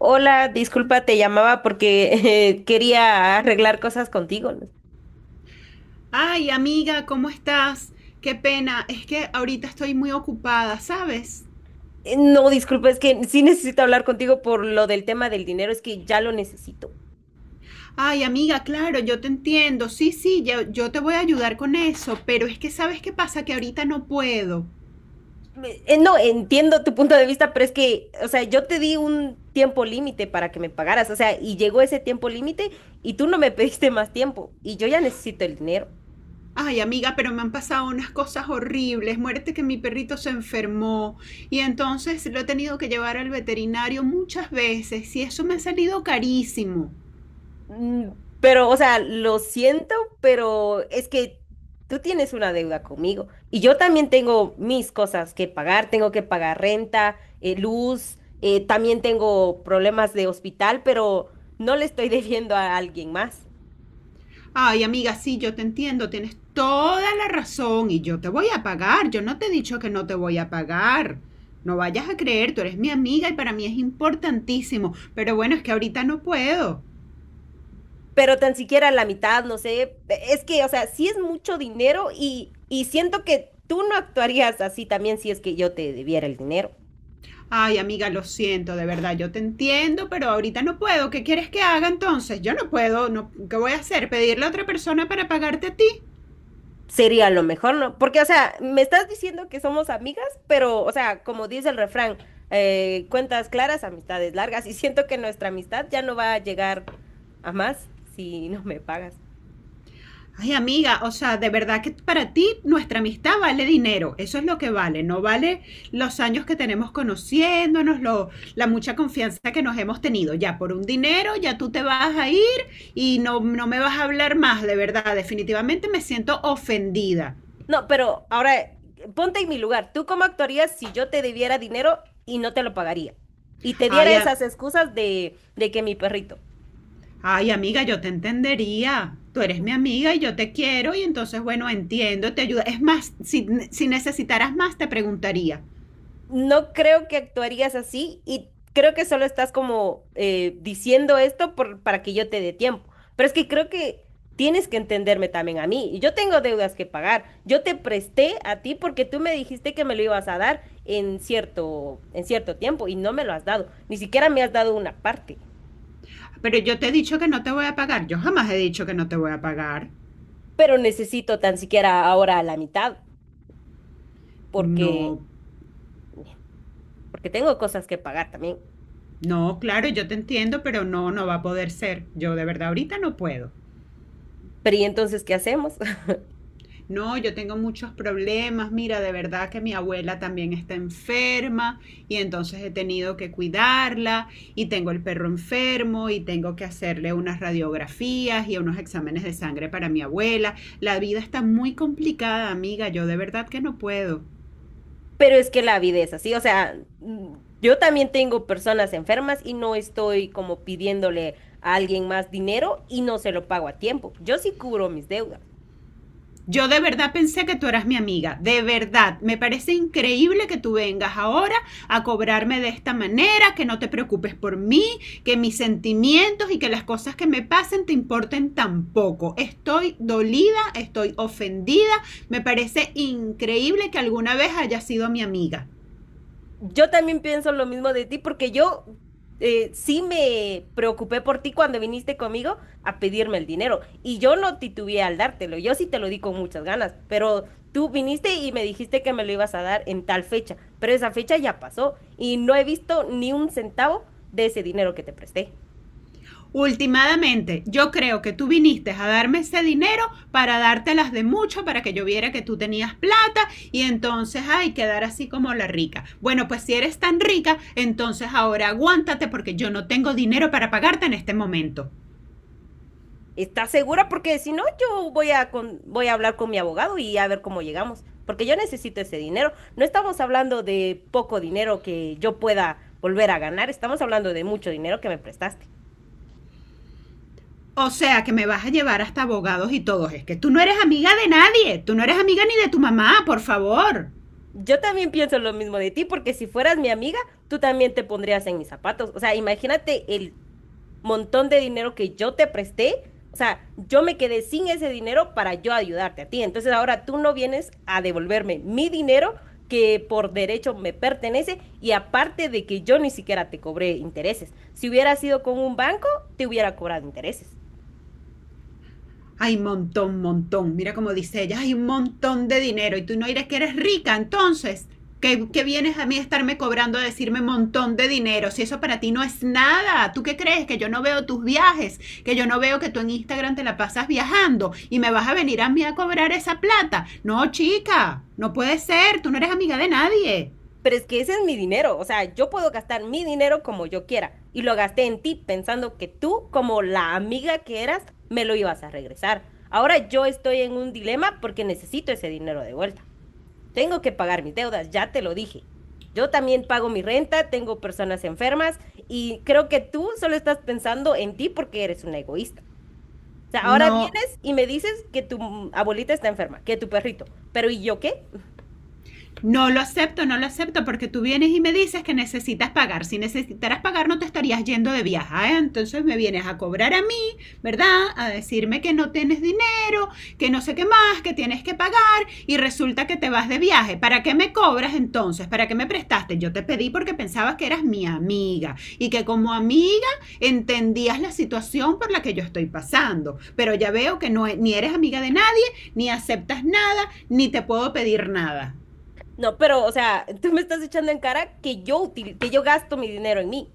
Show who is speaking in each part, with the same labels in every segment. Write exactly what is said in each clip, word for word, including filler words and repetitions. Speaker 1: Hola, disculpa, te llamaba porque eh, quería arreglar cosas contigo.
Speaker 2: Ay, amiga, ¿cómo estás? Qué pena, es que ahorita estoy muy ocupada, ¿sabes?
Speaker 1: Eh, No, disculpa, es que sí necesito hablar contigo por lo del tema del dinero, es que ya lo necesito.
Speaker 2: Ay, amiga, claro, yo te entiendo. Sí, sí, yo, yo te voy a ayudar con eso, pero es que ¿sabes qué pasa? Que ahorita no puedo.
Speaker 1: Me- eh, no, entiendo tu punto de vista, pero es que, o sea, yo te di un tiempo límite para que me pagaras, o sea, y llegó ese tiempo límite y tú no me pediste más tiempo y yo ya necesito el dinero.
Speaker 2: Ay, amiga, pero me han pasado unas cosas horribles. Muérete que mi perrito se enfermó y entonces lo he tenido que llevar al veterinario muchas veces y eso me ha salido carísimo.
Speaker 1: Mm. Pero, o sea, lo siento, pero es que tú tienes una deuda conmigo y yo también tengo mis cosas que pagar, tengo que pagar renta, eh, luz, eh, también tengo problemas de hospital, pero no le estoy debiendo a alguien más.
Speaker 2: Ay, amiga, sí, yo te entiendo, tienes toda la razón y yo te voy a pagar. Yo no te he dicho que no te voy a pagar. No vayas a creer, tú eres mi amiga y para mí es importantísimo. Pero bueno, es que ahorita no puedo.
Speaker 1: Pero tan siquiera la mitad, no sé, es que, o sea, sí es mucho dinero y, y siento que tú no actuarías así también si es que yo te debiera el dinero.
Speaker 2: Ay, amiga, lo siento, de verdad, yo te entiendo, pero ahorita no puedo. ¿Qué quieres que haga entonces? Yo no puedo, no, ¿qué voy a hacer? ¿Pedirle a otra persona para pagarte a ti?
Speaker 1: Sería lo mejor, ¿no? Porque, o sea, me estás diciendo que somos amigas, pero, o sea, como dice el refrán, eh, cuentas claras, amistades largas, y siento que nuestra amistad ya no va a llegar a más si no me pagas.
Speaker 2: Ay, amiga, o sea, de verdad que para ti nuestra amistad vale dinero. Eso es lo que vale. No vale los años que tenemos conociéndonos, lo- la mucha confianza que nos hemos tenido. Ya por un dinero, ya tú te vas a ir y no, no me vas a hablar más, de verdad. Definitivamente me siento ofendida.
Speaker 1: No, pero ahora, eh, ponte en mi lugar. ¿Tú cómo actuarías si yo te debiera dinero y no te lo pagaría? Y te
Speaker 2: Ay,
Speaker 1: diera
Speaker 2: a-
Speaker 1: esas excusas de, de que mi perrito.
Speaker 2: ay, amiga, yo te entendería. Tú eres mi amiga y yo te quiero y entonces, bueno, entiendo, te ayudo. Es más, si, si necesitaras más, te preguntaría.
Speaker 1: No creo que actuarías así y creo que solo estás como eh, diciendo esto por- para que yo te dé tiempo. Pero es que creo que tienes que entenderme también a mí. Y yo tengo deudas que pagar. Yo te presté a ti porque tú me dijiste que me lo ibas a dar en cierto, en cierto tiempo y no me lo has dado. Ni siquiera me has dado una parte.
Speaker 2: Pero yo te he dicho que no te voy a pagar. Yo jamás he dicho que no te voy a pagar.
Speaker 1: Pero necesito tan siquiera ahora la mitad porque,
Speaker 2: No,
Speaker 1: porque tengo cosas que pagar también.
Speaker 2: no, claro, yo te entiendo, pero no, no va a poder ser. Yo de verdad ahorita no puedo.
Speaker 1: Pero ¿y entonces qué hacemos?
Speaker 2: No, yo tengo muchos problemas. Mira, de verdad que mi abuela también está enferma y entonces he tenido que cuidarla y tengo el perro enfermo y tengo que hacerle unas radiografías y unos exámenes de sangre para mi abuela. La vida está muy complicada, amiga. Yo de verdad que no puedo.
Speaker 1: Pero es que la vida es así, o sea, mm, yo también tengo personas enfermas y no estoy como pidiéndole a alguien más dinero y no se lo pago a tiempo. Yo sí cubro mis deudas.
Speaker 2: Yo de verdad pensé que tú eras mi amiga, de verdad. Me parece increíble que tú vengas ahora a cobrarme de esta manera, que no te preocupes por mí, que mis sentimientos y que las cosas que me pasen te importen tampoco. Estoy dolida, estoy ofendida. Me parece increíble que alguna vez hayas sido mi amiga.
Speaker 1: Yo también pienso lo mismo de ti porque yo eh, sí me preocupé por ti cuando viniste conmigo a pedirme el dinero y yo no titubeé al dártelo, yo sí te lo di con muchas ganas, pero tú viniste y me dijiste que me lo ibas a dar en tal fecha, pero esa fecha ya pasó y no he visto ni un centavo de ese dinero que te presté.
Speaker 2: Últimamente, yo creo que tú viniste a darme ese dinero para dártelas de mucho, para que yo viera que tú tenías plata y entonces ay quedar así como la rica. Bueno, pues si eres tan rica, entonces ahora aguántate porque yo no tengo dinero para pagarte en este momento.
Speaker 1: ¿Estás segura? Porque si no, yo voy a, con- voy a hablar con mi abogado y a ver cómo llegamos, porque yo necesito ese dinero. No estamos hablando de poco dinero que yo pueda volver a ganar, estamos hablando de mucho dinero que me prestaste.
Speaker 2: O sea que me vas a llevar hasta abogados y todos. Es que tú no eres amiga de nadie. Tú no eres amiga ni de tu mamá, por favor.
Speaker 1: Yo también pienso lo mismo de ti, porque si fueras mi amiga, tú también te pondrías en mis zapatos. O sea, imagínate el montón de dinero que yo te presté, o sea, yo me quedé sin ese dinero para yo ayudarte a ti. Entonces ahora tú no vienes a devolverme mi dinero que por derecho me pertenece y aparte de que yo ni siquiera te cobré intereses. Si hubiera sido con un banco, te hubiera cobrado intereses.
Speaker 2: Hay montón, montón. Mira cómo dice ella, hay un montón de dinero y tú no dirás que eres rica, entonces, ¿qué, qué vienes a mí a estarme cobrando a decirme montón de dinero? Si eso para ti no es nada, ¿tú qué crees? Que yo no veo tus viajes, que yo no veo que tú en Instagram te la pasas viajando y me vas a venir a mí a cobrar esa plata. No, chica, no puede ser, tú no eres amiga de nadie.
Speaker 1: Pero es que ese es mi dinero, o sea, yo puedo gastar mi dinero como yo quiera y lo gasté en ti pensando que tú, como la amiga que eras, me lo ibas a regresar. Ahora yo estoy en un dilema porque necesito ese dinero de vuelta. Tengo que pagar mis deudas, ya te lo dije. Yo también pago mi renta, tengo personas enfermas y creo que tú solo estás pensando en ti porque eres una egoísta. O sea, ahora
Speaker 2: No,
Speaker 1: vienes y me dices que tu mm, abuelita está enferma, que tu perrito, pero ¿y yo qué?
Speaker 2: no lo acepto, no lo acepto, porque tú vienes y me dices que necesitas pagar. Si necesitaras pagar, no te estarías yendo de viaje. ¿Eh? Entonces me vienes a cobrar a mí, ¿verdad? A decirme que no tienes dinero, que no sé qué más, que tienes que pagar, y resulta que te vas de viaje. ¿Para qué me cobras entonces? ¿Para qué me prestaste? Yo te pedí porque pensabas que eras mi amiga y que como amiga entendías la situación por la que yo estoy pasando. Pero ya veo que no, e, ni eres amiga de nadie, ni aceptas nada, ni te puedo pedir nada.
Speaker 1: No, pero, o sea, tú me estás echando en cara que yo util- que yo gasto mi dinero en mí.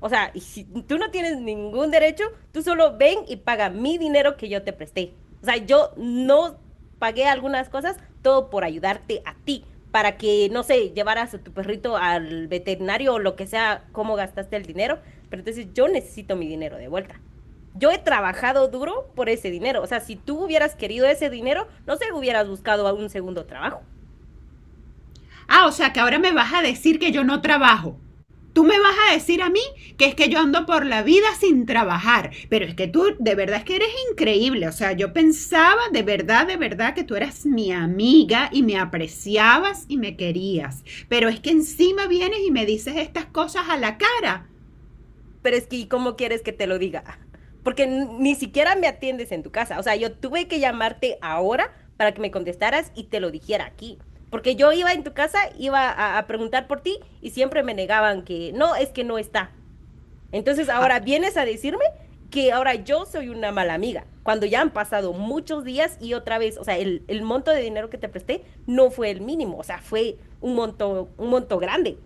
Speaker 1: O sea, y si tú no tienes ningún derecho, tú solo ven y paga mi dinero que yo te presté. O sea, yo no pagué algunas cosas, todo por ayudarte a ti, para que, no sé, llevaras a tu perrito al veterinario o lo que sea, cómo gastaste el dinero. Pero entonces yo necesito mi dinero de vuelta. Yo he trabajado duro por ese dinero. O sea, si tú hubieras querido ese dinero, no sé, hubieras buscado un segundo trabajo.
Speaker 2: Ah, o sea que ahora me vas a decir que yo no trabajo. Tú me vas a decir a mí que es que yo ando por la vida sin trabajar, pero es que tú de verdad es que eres increíble, o sea, yo pensaba de verdad, de verdad que tú eras mi amiga y me apreciabas y me querías, pero es que encima vienes y me dices estas cosas a la cara.
Speaker 1: Pero es que, ¿y cómo quieres que te lo diga? Porque n- ni siquiera me atiendes en tu casa. O sea, yo tuve que llamarte ahora para que me contestaras y te lo dijera aquí. Porque yo iba en tu casa, iba a, a preguntar por ti y siempre me negaban que no, es que no está. Entonces
Speaker 2: Ah.
Speaker 1: ahora vienes a decirme que ahora yo soy una mala amiga, cuando ya han pasado muchos días y otra vez, o sea, el, el monto de dinero que te presté no fue el mínimo, o sea, fue un monto, un monto grande.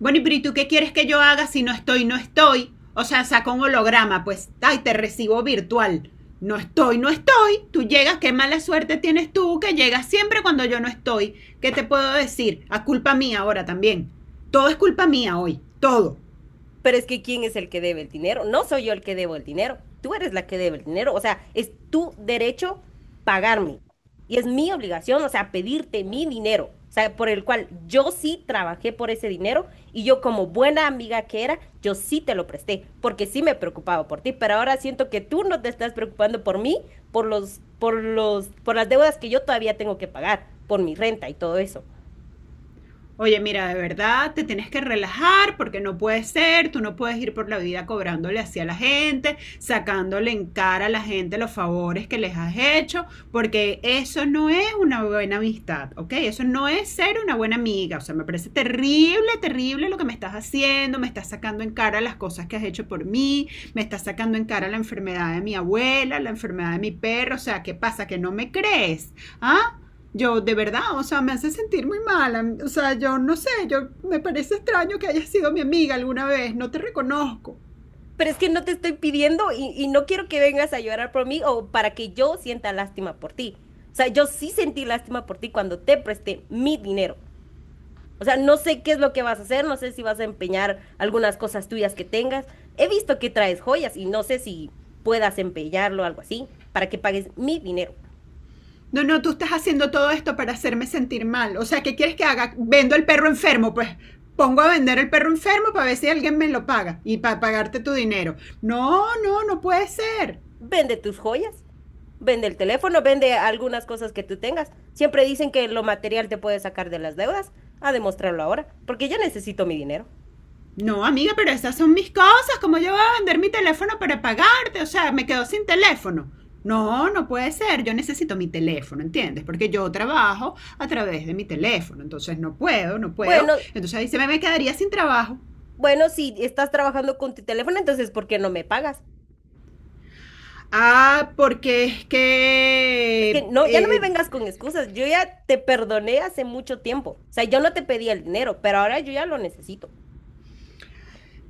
Speaker 2: Bueno, pero ¿y tú qué quieres que yo haga si no estoy, no estoy? O sea, saca un holograma, pues, ay, te recibo virtual. No estoy, no estoy. Tú llegas, qué mala suerte tienes tú que llegas siempre cuando yo no estoy. ¿Qué te puedo decir? A culpa mía ahora también. Todo es culpa mía hoy, todo.
Speaker 1: Pero es que ¿quién es el que debe el dinero? No soy yo el que debo el dinero. Tú eres la que debe el dinero. O sea, es tu derecho pagarme. Y es mi obligación, o sea, pedirte mi dinero. O sea, por el cual yo sí trabajé por ese dinero y yo como buena amiga que era, yo sí te lo presté, porque sí me preocupaba por ti, pero ahora siento que tú no te estás preocupando por mí, por los, por los, por las deudas que yo todavía tengo que pagar, por mi renta y todo eso.
Speaker 2: Oye, mira, de verdad te tienes que relajar porque no puede ser, tú no puedes ir por la vida cobrándole así a la gente, sacándole en cara a la gente los favores que les has hecho, porque eso no es una buena amistad, ¿ok? Eso no es ser una buena amiga, o sea, me parece terrible, terrible lo que me estás haciendo, me estás sacando en cara las cosas que has hecho por mí, me estás sacando en cara la enfermedad de mi abuela, la enfermedad de mi perro, o sea, ¿qué pasa? ¿Que no me crees? ¿Ah? Yo, de verdad, o sea, me hace sentir muy mala. O sea, yo no sé, yo me parece extraño que hayas sido mi amiga alguna vez, no te reconozco.
Speaker 1: Pero es que no te estoy pidiendo y, y no quiero que vengas a llorar por mí o para que yo sienta lástima por ti. O sea, yo sí sentí lástima por ti cuando te presté mi dinero. O sea, no sé qué es lo que vas a hacer, no sé si vas a empeñar algunas cosas tuyas que tengas. He visto que traes joyas y no sé si puedas empeñarlo o algo así para que pagues mi dinero.
Speaker 2: No, no, tú estás haciendo todo esto para hacerme sentir mal. O sea, ¿qué quieres que haga? Vendo el perro enfermo, pues pongo a vender el perro enfermo para ver si alguien me lo paga y para pagarte tu dinero. No, no, no puede ser.
Speaker 1: Vende tus joyas, vende el teléfono, vende algunas cosas que tú tengas. Siempre dicen que lo material te puede sacar de las deudas. A demostrarlo ahora, porque yo necesito mi dinero.
Speaker 2: No, amiga, pero esas son mis cosas. ¿Cómo yo voy a vender mi teléfono para pagarte? O sea, me quedo sin teléfono. No, no puede ser. Yo necesito mi teléfono, ¿entiendes? Porque yo trabajo a través de mi teléfono. Entonces no puedo, no puedo.
Speaker 1: Bueno,
Speaker 2: Entonces ahí se me, me quedaría sin trabajo.
Speaker 1: Bueno, si estás trabajando con tu teléfono, entonces ¿por qué no me pagas?
Speaker 2: Ah, porque es
Speaker 1: Es que
Speaker 2: que
Speaker 1: no, ya no me
Speaker 2: eh,
Speaker 1: vengas con excusas. Yo ya te perdoné hace mucho tiempo. O sea, yo no te pedí el dinero, pero ahora yo ya lo necesito.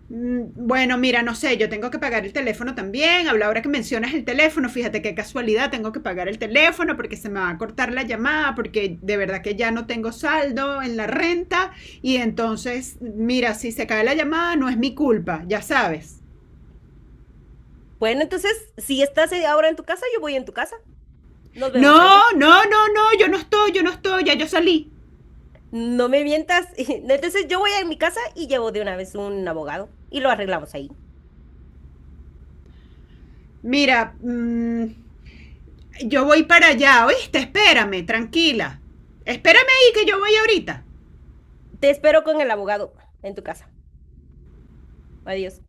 Speaker 2: mm, bueno, mira, no sé, yo tengo que pagar el teléfono también. Habla ahora que mencionas el teléfono, fíjate qué casualidad, tengo que pagar el teléfono porque se me va a cortar la llamada, porque de verdad que ya no tengo saldo en la renta y entonces, mira, si se cae la llamada no es mi culpa, ya sabes.
Speaker 1: Bueno, entonces, si estás eh, ahora en tu casa, yo voy en tu casa. Nos vemos ahí.
Speaker 2: No, no, no, no, yo no estoy, yo no estoy, ya yo salí.
Speaker 1: No me mientas. Entonces, yo voy a mi casa y llevo de una vez un abogado y lo arreglamos ahí.
Speaker 2: Mira, mm, yo voy para allá, ¿oíste? Espérame, tranquila. Espérame ahí que yo voy ahorita.
Speaker 1: Te espero con el abogado en tu casa. Adiós.